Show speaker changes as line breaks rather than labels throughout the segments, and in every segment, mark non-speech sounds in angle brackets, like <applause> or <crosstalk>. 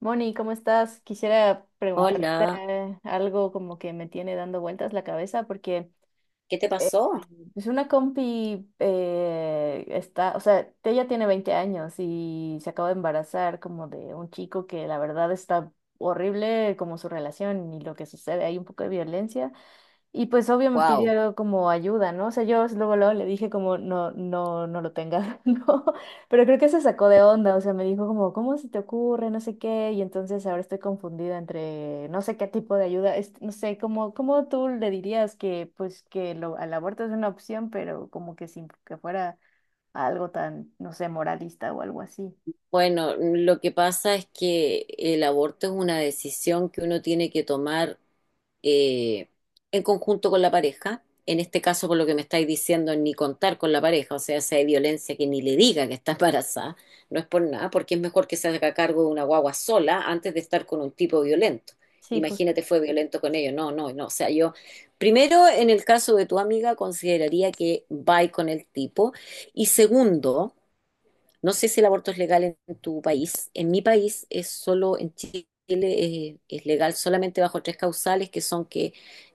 Moni, ¿cómo estás? Quisiera preguntarte
Hola,
algo como que me tiene dando vueltas la cabeza porque
¿qué te
eh,
pasó?
pues una compi está, o sea, ella tiene 20 años y se acaba de embarazar como de un chico que la verdad está horrible como su relación y lo que sucede, hay un poco de violencia. Y pues obvio me
Wow.
pidió como ayuda, ¿no? O sea, yo luego le dije como, no, no, no lo tengas, <laughs> ¿no? Pero creo que se sacó de onda, o sea, me dijo como, ¿cómo se te ocurre? No sé qué, y entonces ahora estoy confundida entre no sé qué tipo de ayuda, no sé, como, ¿cómo tú le dirías que, pues, al aborto es una opción, pero como que sin que fuera algo tan, no sé, ¿moralista o algo así?
Bueno, lo que pasa es que el aborto es una decisión que uno tiene que tomar eh, en conjunto con la pareja. En este caso, por lo que me estáis diciendo, ni contar con la pareja, o sea, si hay violencia que ni le diga que está embarazada, no es por nada, porque es mejor que se haga cargo de una guagua sola antes de estar con un tipo violento.
Sí, justo.
Imagínate, fue violento con ellos. No, no, no. O sea, yo, primero, en el caso de tu amiga, consideraría que va con el tipo. Y segundo, no sé si el aborto es legal en tu país. En mi país es solo, en Chile es, legal solamente bajo tres causales, que son que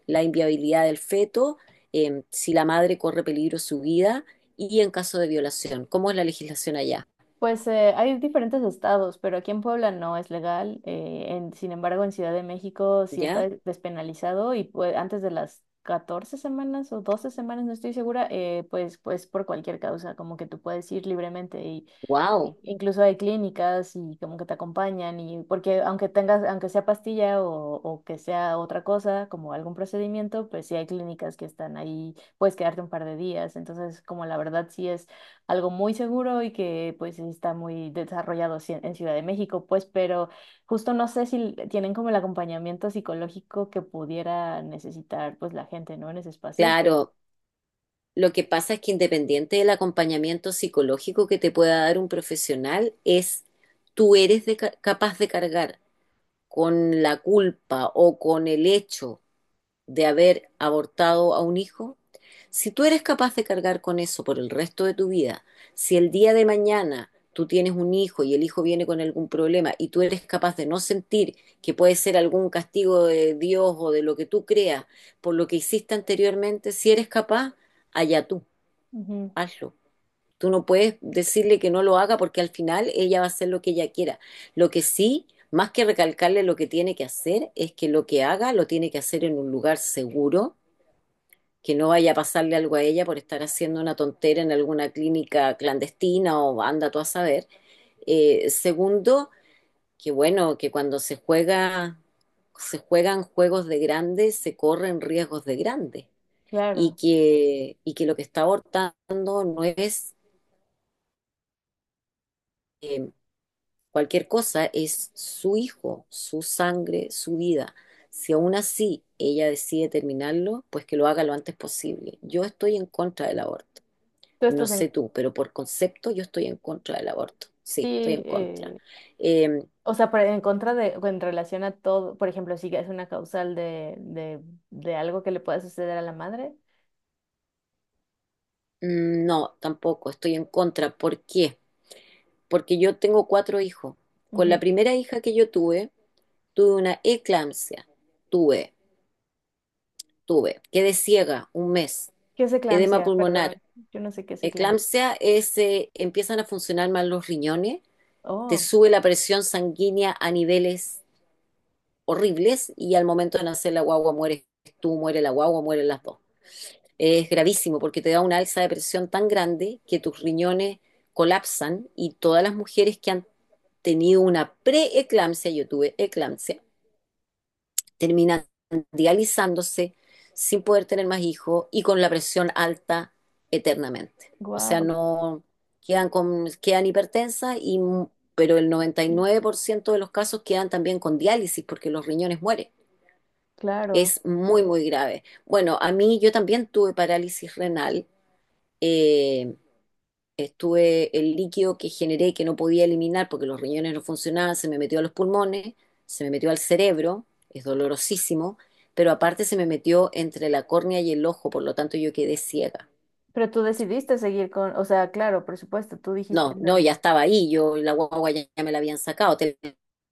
la inviabilidad del feto, si la madre corre peligro su vida y en caso de violación. ¿Cómo es la legislación allá?
Pues hay diferentes estados, pero aquí en Puebla no es legal. Sin embargo, en Ciudad de México sí está
¿Ya?
despenalizado y pues, antes de las 14 semanas o 12 semanas, no estoy segura, pues, pues por cualquier causa, como que tú puedes ir libremente y
Wow.
incluso hay clínicas y como que te acompañan y porque aunque tengas, aunque sea pastilla o que sea otra cosa, como algún procedimiento, pues sí hay clínicas que están ahí, puedes quedarte un par de días. Entonces, como la verdad sí es algo muy seguro y que pues sí está muy desarrollado en Ciudad de México, pues, pero justo no sé si tienen como el acompañamiento psicológico que pudiera necesitar pues la gente, ¿no? En ese espacio, pero
Claro. Lo que pasa es que independiente del acompañamiento psicológico que te pueda dar un profesional, es tú eres capaz de cargar con la culpa o con el hecho de haber abortado a un hijo, si tú eres capaz de cargar con eso por el resto de tu vida, si el día de mañana tú tienes un hijo y el hijo viene con algún problema y tú eres capaz de no sentir que puede ser algún castigo de Dios o de lo que tú creas por lo que hiciste anteriormente, si eres capaz, allá tú,
ujú,
hazlo. Tú no puedes decirle que no lo haga porque al final ella va a hacer lo que ella quiera. Lo que sí, más que recalcarle lo que tiene que hacer, es que lo que haga lo tiene que hacer en un lugar seguro, que no vaya a pasarle algo a ella por estar haciendo una tontera en alguna clínica clandestina o anda tú a saber. Segundo, que bueno, que cuando se juega, se juegan juegos de grandes, se corren riesgos de grandes. Y
claro.
que, y que lo que está abortando no es eh, cualquier cosa, es su hijo, su sangre, su vida. Si aún así ella decide terminarlo, pues que lo haga lo antes posible. Yo estoy en contra del aborto.
Tú
No
estás en,
sé tú, pero por concepto yo estoy en contra del aborto. Sí, estoy
sí,
en contra. Eh,
o sea, pero en contra de, o en relación a todo, por ejemplo, si es una causal de algo que le pueda suceder a la madre.
no, tampoco, estoy en contra. ¿Por qué? Porque yo tengo cuatro hijos. Con la
Ujú.
primera hija que yo tuve, tuve una eclampsia. Tuve, tuve. Quedé ciega un mes.
¿Qué es
Edema
eclampsia?
pulmonar.
Perdón, yo no sé qué es eclampsia.
Eclampsia es, empiezan a funcionar mal los riñones, te
Oh,
sube la presión sanguínea a niveles horribles y al momento de nacer la guagua mueres tú, muere la guagua, mueren las dos. Es gravísimo porque te da una alza de presión tan grande que tus riñones colapsan y todas las mujeres que han tenido una preeclampsia, yo tuve eclampsia, terminan dializándose sin poder tener más hijos y con la presión alta eternamente. O sea,
wow,
no quedan hipertensas y pero el 99% de los casos quedan también con diálisis porque los riñones mueren.
claro.
Es muy, muy grave. Bueno, a mí yo también tuve parálisis renal eh, estuve el líquido que generé que no podía eliminar porque los riñones no funcionaban, se me metió a los pulmones, se me metió al cerebro, es dolorosísimo, pero aparte se me metió entre la córnea y el ojo, por lo tanto yo quedé ciega.
Pero tú decidiste seguir con, o sea, claro, por supuesto, tú dijiste
No,
no.
no, ya estaba ahí, yo la guagua ya me la habían sacado, te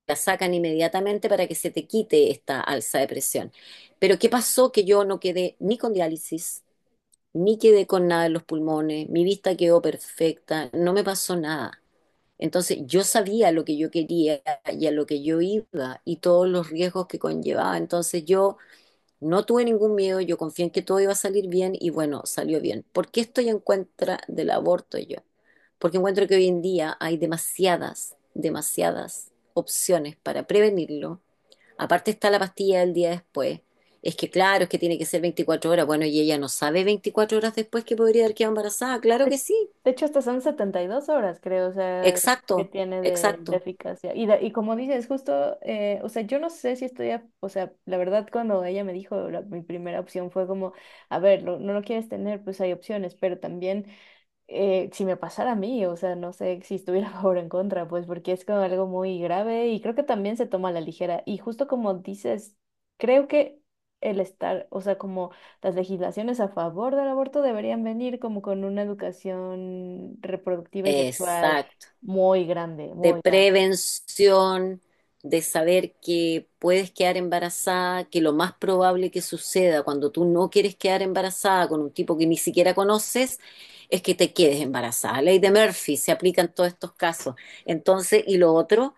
la sacan inmediatamente para que se te quite esta alza de presión. Pero ¿qué pasó? Que yo no quedé ni con diálisis, ni quedé con nada en los pulmones, mi vista quedó perfecta, no me pasó nada. Entonces yo sabía lo que yo quería y a lo que yo iba y todos los riesgos que conllevaba. Entonces yo no tuve ningún miedo, yo confié en que todo iba a salir bien y bueno, salió bien. ¿Por qué estoy en contra del aborto yo? Porque encuentro que hoy en día hay demasiadas, demasiadas opciones para prevenirlo. Aparte está la pastilla del día después. Es que claro, es que tiene que ser 24 horas. Bueno, y ella no sabe 24 horas después que podría haber quedado embarazada. Claro que
De,
sí.
de hecho, hasta son 72 horas, creo, o sea, que
Exacto,
tiene de
exacto.
eficacia. Y como dices, justo, o sea, yo no sé si estoy, o sea, la verdad, cuando ella me dijo, mi primera opción fue como, a ver, no lo quieres tener, pues hay opciones, pero también si me pasara a mí, o sea, no sé si estuviera <laughs> a favor o en contra, pues porque es como algo muy grave y creo que también se toma a la ligera. Y justo como dices, creo que el estar, o sea, como las legislaciones a favor del aborto deberían venir como con una educación reproductiva y sexual
Exacto.
muy grande,
De
muy grande.
prevención, de saber que puedes quedar embarazada, que lo más probable que suceda cuando tú no quieres quedar embarazada con un tipo que ni siquiera conoces es que te quedes embarazada. La ley de Murphy se aplica en todos estos casos. Entonces, y lo otro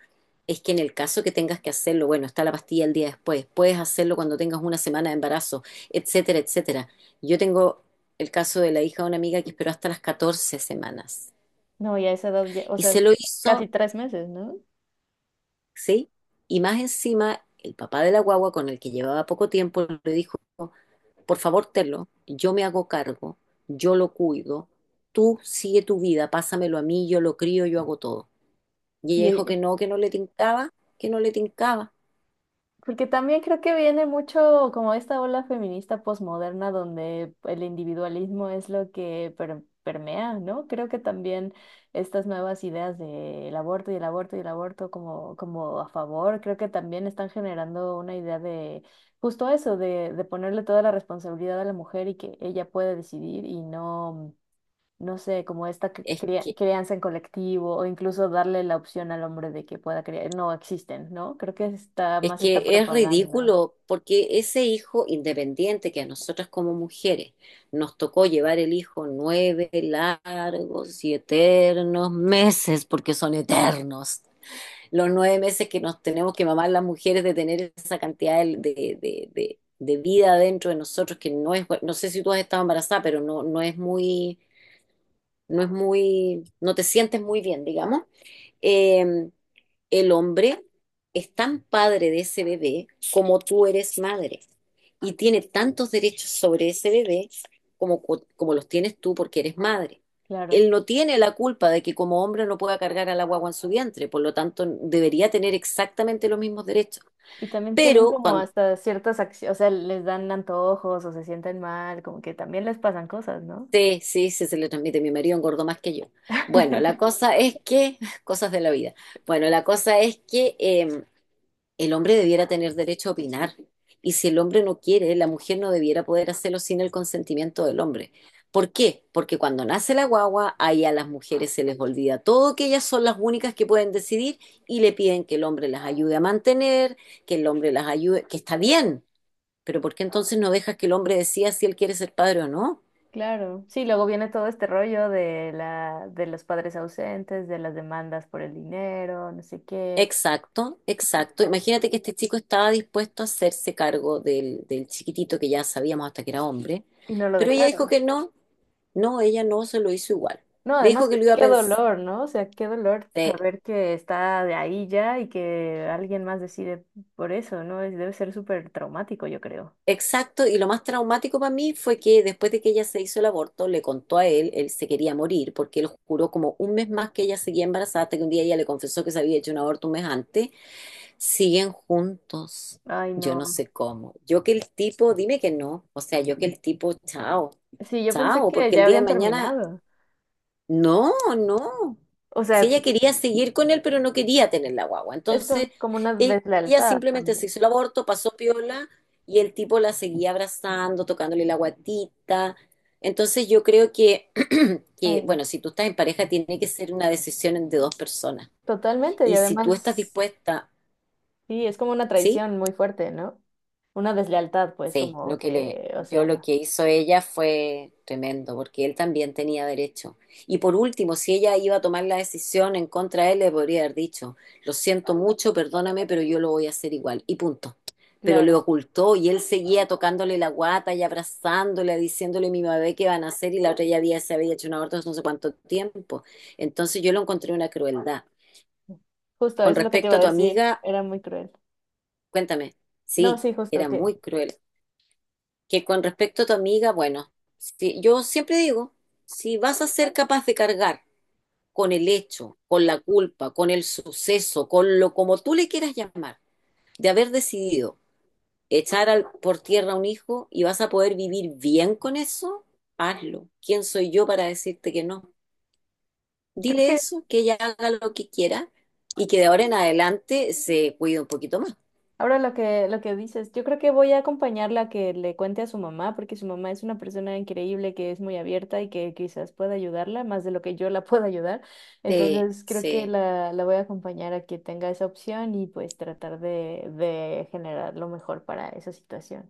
es que en el caso que tengas que hacerlo, bueno, está la pastilla el día después, puedes hacerlo cuando tengas una semana de embarazo, etcétera, etcétera. Yo tengo el caso de la hija de una amiga que esperó hasta las 14 semanas
No, y a esa edad, o
y
sea,
se lo
casi
hizo.
3 meses, ¿no?
¿Sí? Y más encima, el papá de la guagua, con el que llevaba poco tiempo, le dijo, por favor, Telo, yo me hago cargo, yo lo cuido, tú sigue tu vida, pásamelo a mí, yo lo crío, yo hago todo. Y ella dijo
Y,
que no le tincaba, que no le tincaba.
porque también creo que viene mucho como esta ola feminista posmoderna donde el individualismo es lo que permea, ¿no? Creo que también estas nuevas ideas del aborto y el aborto y el aborto como, como a favor, creo que también están generando una idea de justo eso, de ponerle toda la responsabilidad a la mujer y que ella puede decidir y no, no sé, como esta
Es que,
crianza en colectivo o incluso darle la opción al hombre de que pueda criar, no existen, ¿no? Creo que está
es
más esta
que es
propaganda,
ridículo, porque ese hijo independiente que a nosotras como mujeres nos tocó llevar el hijo 9 largos y eternos meses, porque son eternos los 9 meses que nos tenemos que mamar las mujeres de tener esa cantidad de vida dentro de nosotros que no es, no sé si tú has estado embarazada, pero no, no es muy, no te sientes muy bien, digamos. Eh, el hombre es tan padre de ese bebé como tú eres madre y tiene tantos derechos sobre ese bebé como los tienes tú porque eres madre.
claro.
Él no tiene la culpa de que como hombre no pueda cargar a la guagua en su vientre, por lo tanto debería tener exactamente los mismos derechos.
Y también tienen
Pero
como
cuando...
hasta ciertas acciones, o sea, les dan antojos o se sienten mal, como que también les pasan cosas, ¿no?
Sí, sí, sí, se le transmite. Mi marido engordó más que yo. Bueno, la
<laughs>
cosa es que... <laughs> Cosas de la vida. Bueno, la cosa es que el hombre debiera tener derecho a opinar. Y si el hombre no quiere, la mujer no debiera poder hacerlo sin el consentimiento del hombre. ¿Por qué? Porque cuando nace la guagua, ahí a las mujeres se les olvida todo, que ellas son las únicas que pueden decidir y le piden que el hombre las ayude a mantener, que el hombre las ayude, que está bien, pero ¿por qué entonces no dejas que el hombre decida si él quiere ser padre o no?
Claro, sí, luego viene todo este rollo de los padres ausentes, de las demandas por el dinero, no sé qué,
Exacto, exacto. Imagínate que este chico estaba dispuesto a hacerse cargo del chiquitito que ya sabíamos hasta que era hombre,
y no lo
pero ella dijo
dejaron.
que no. No, ella no se lo hizo igual.
No,
Le dijo
además,
que lo iba a
qué
pensar.
dolor, ¿no? O sea, qué dolor saber que está de ahí ya y que alguien más decide por eso, ¿no? Debe ser súper traumático, yo creo.
Exacto, y lo más traumático para mí fue que después de que ella se hizo el aborto, le contó a él, él se quería morir, porque él juró como un mes más que ella seguía embarazada, hasta que un día ella le confesó que se había hecho un aborto un mes antes. Siguen juntos.
Ay,
Yo no
no.
sé cómo. Yo que el tipo, dime que no. O sea, yo que el tipo, chao,
Sí, yo pensé
chao,
que
porque el
ya
día de
habían
mañana.
terminado.
No, no.
O
Si
sea,
ella quería seguir con él, pero no quería tener la guagua.
es
Entonces,
como una
ella
deslealtad
simplemente se
también.
hizo el aborto, pasó piola y el tipo la seguía abrazando, tocándole la guatita. Entonces, yo creo que, <clears throat>
Ay,
que,
no.
bueno, si tú estás en pareja, tiene que ser una decisión de dos personas.
Totalmente. Y
Y si tú estás
además,
dispuesta,
sí, es como una
¿sí?
traición muy fuerte, ¿no? Una deslealtad, pues,
Sí,
como
lo que le,
que, o
yo
sea,
lo
no.
que hizo ella fue tremendo, porque él también tenía derecho. Y por último, si ella iba a tomar la decisión en contra de él, le podría haber dicho, lo siento mucho, perdóname, pero yo lo voy a hacer igual. Y punto. Pero le
Claro.
ocultó y él seguía tocándole la guata y abrazándole, diciéndole mi bebé qué van a hacer y la otra se había hecho un aborto hace no sé cuánto tiempo. Entonces yo lo encontré una crueldad.
Justo, eso
Con
es lo que te iba
respecto
a
a tu
decir.
amiga,
Era muy cruel.
cuéntame,
No,
sí,
sí, justo,
era
que
muy cruel. Que con respecto a tu amiga, bueno, yo siempre digo, si vas a ser capaz de cargar con el hecho, con la culpa, con el suceso, con lo como tú le quieras llamar, de haber decidido echar por tierra a un hijo y vas a poder vivir bien con eso, hazlo. ¿Quién soy yo para decirte que no?
creo
Dile
que,
eso, que ella haga lo que quiera y que de ahora en adelante se cuide un poquito más.
ahora lo que dices, yo creo que voy a acompañarla a que le cuente a su mamá, porque su mamá es una persona increíble que es muy abierta y que quizás pueda ayudarla más de lo que yo la <laughs> pueda ayudar.
Sí,
Entonces creo que
sí.
la voy a acompañar a que tenga esa opción y pues tratar de generar lo mejor para esa situación.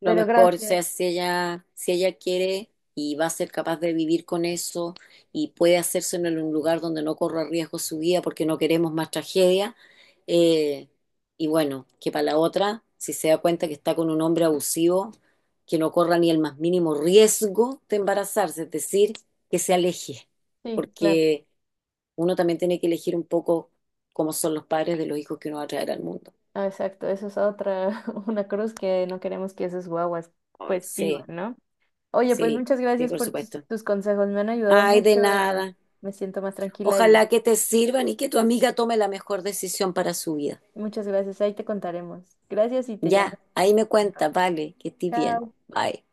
Lo
Pero
mejor, o
gracias.
sea, si ella, quiere y va a ser capaz de vivir con eso y puede hacerse en un lugar donde no corra riesgo su vida porque no queremos más tragedia. eh, y bueno, que para la otra, si se da cuenta que está con un hombre abusivo, que no corra ni el más mínimo riesgo de embarazarse, es decir, que se aleje,
Sí, claro.
porque uno también tiene que elegir un poco cómo son los padres de los hijos que uno va a traer al mundo.
Ah, exacto, eso es otra, <laughs> una cruz que no queremos que esas guaguas
Ay,
pues vivan,
sí,
¿no? Oye, pues
sí,
muchas
sí,
gracias
por
por tus,
supuesto.
tus consejos, me han ayudado
Ay, de
mucho.
nada.
Me siento más tranquila y
Ojalá que te sirvan y que tu amiga tome la mejor decisión para su vida.
muchas gracias, ahí te contaremos. Gracias y te llamo
Ya, ahí me
pronto.
cuenta, vale, que estés bien.
Chao.
Bye.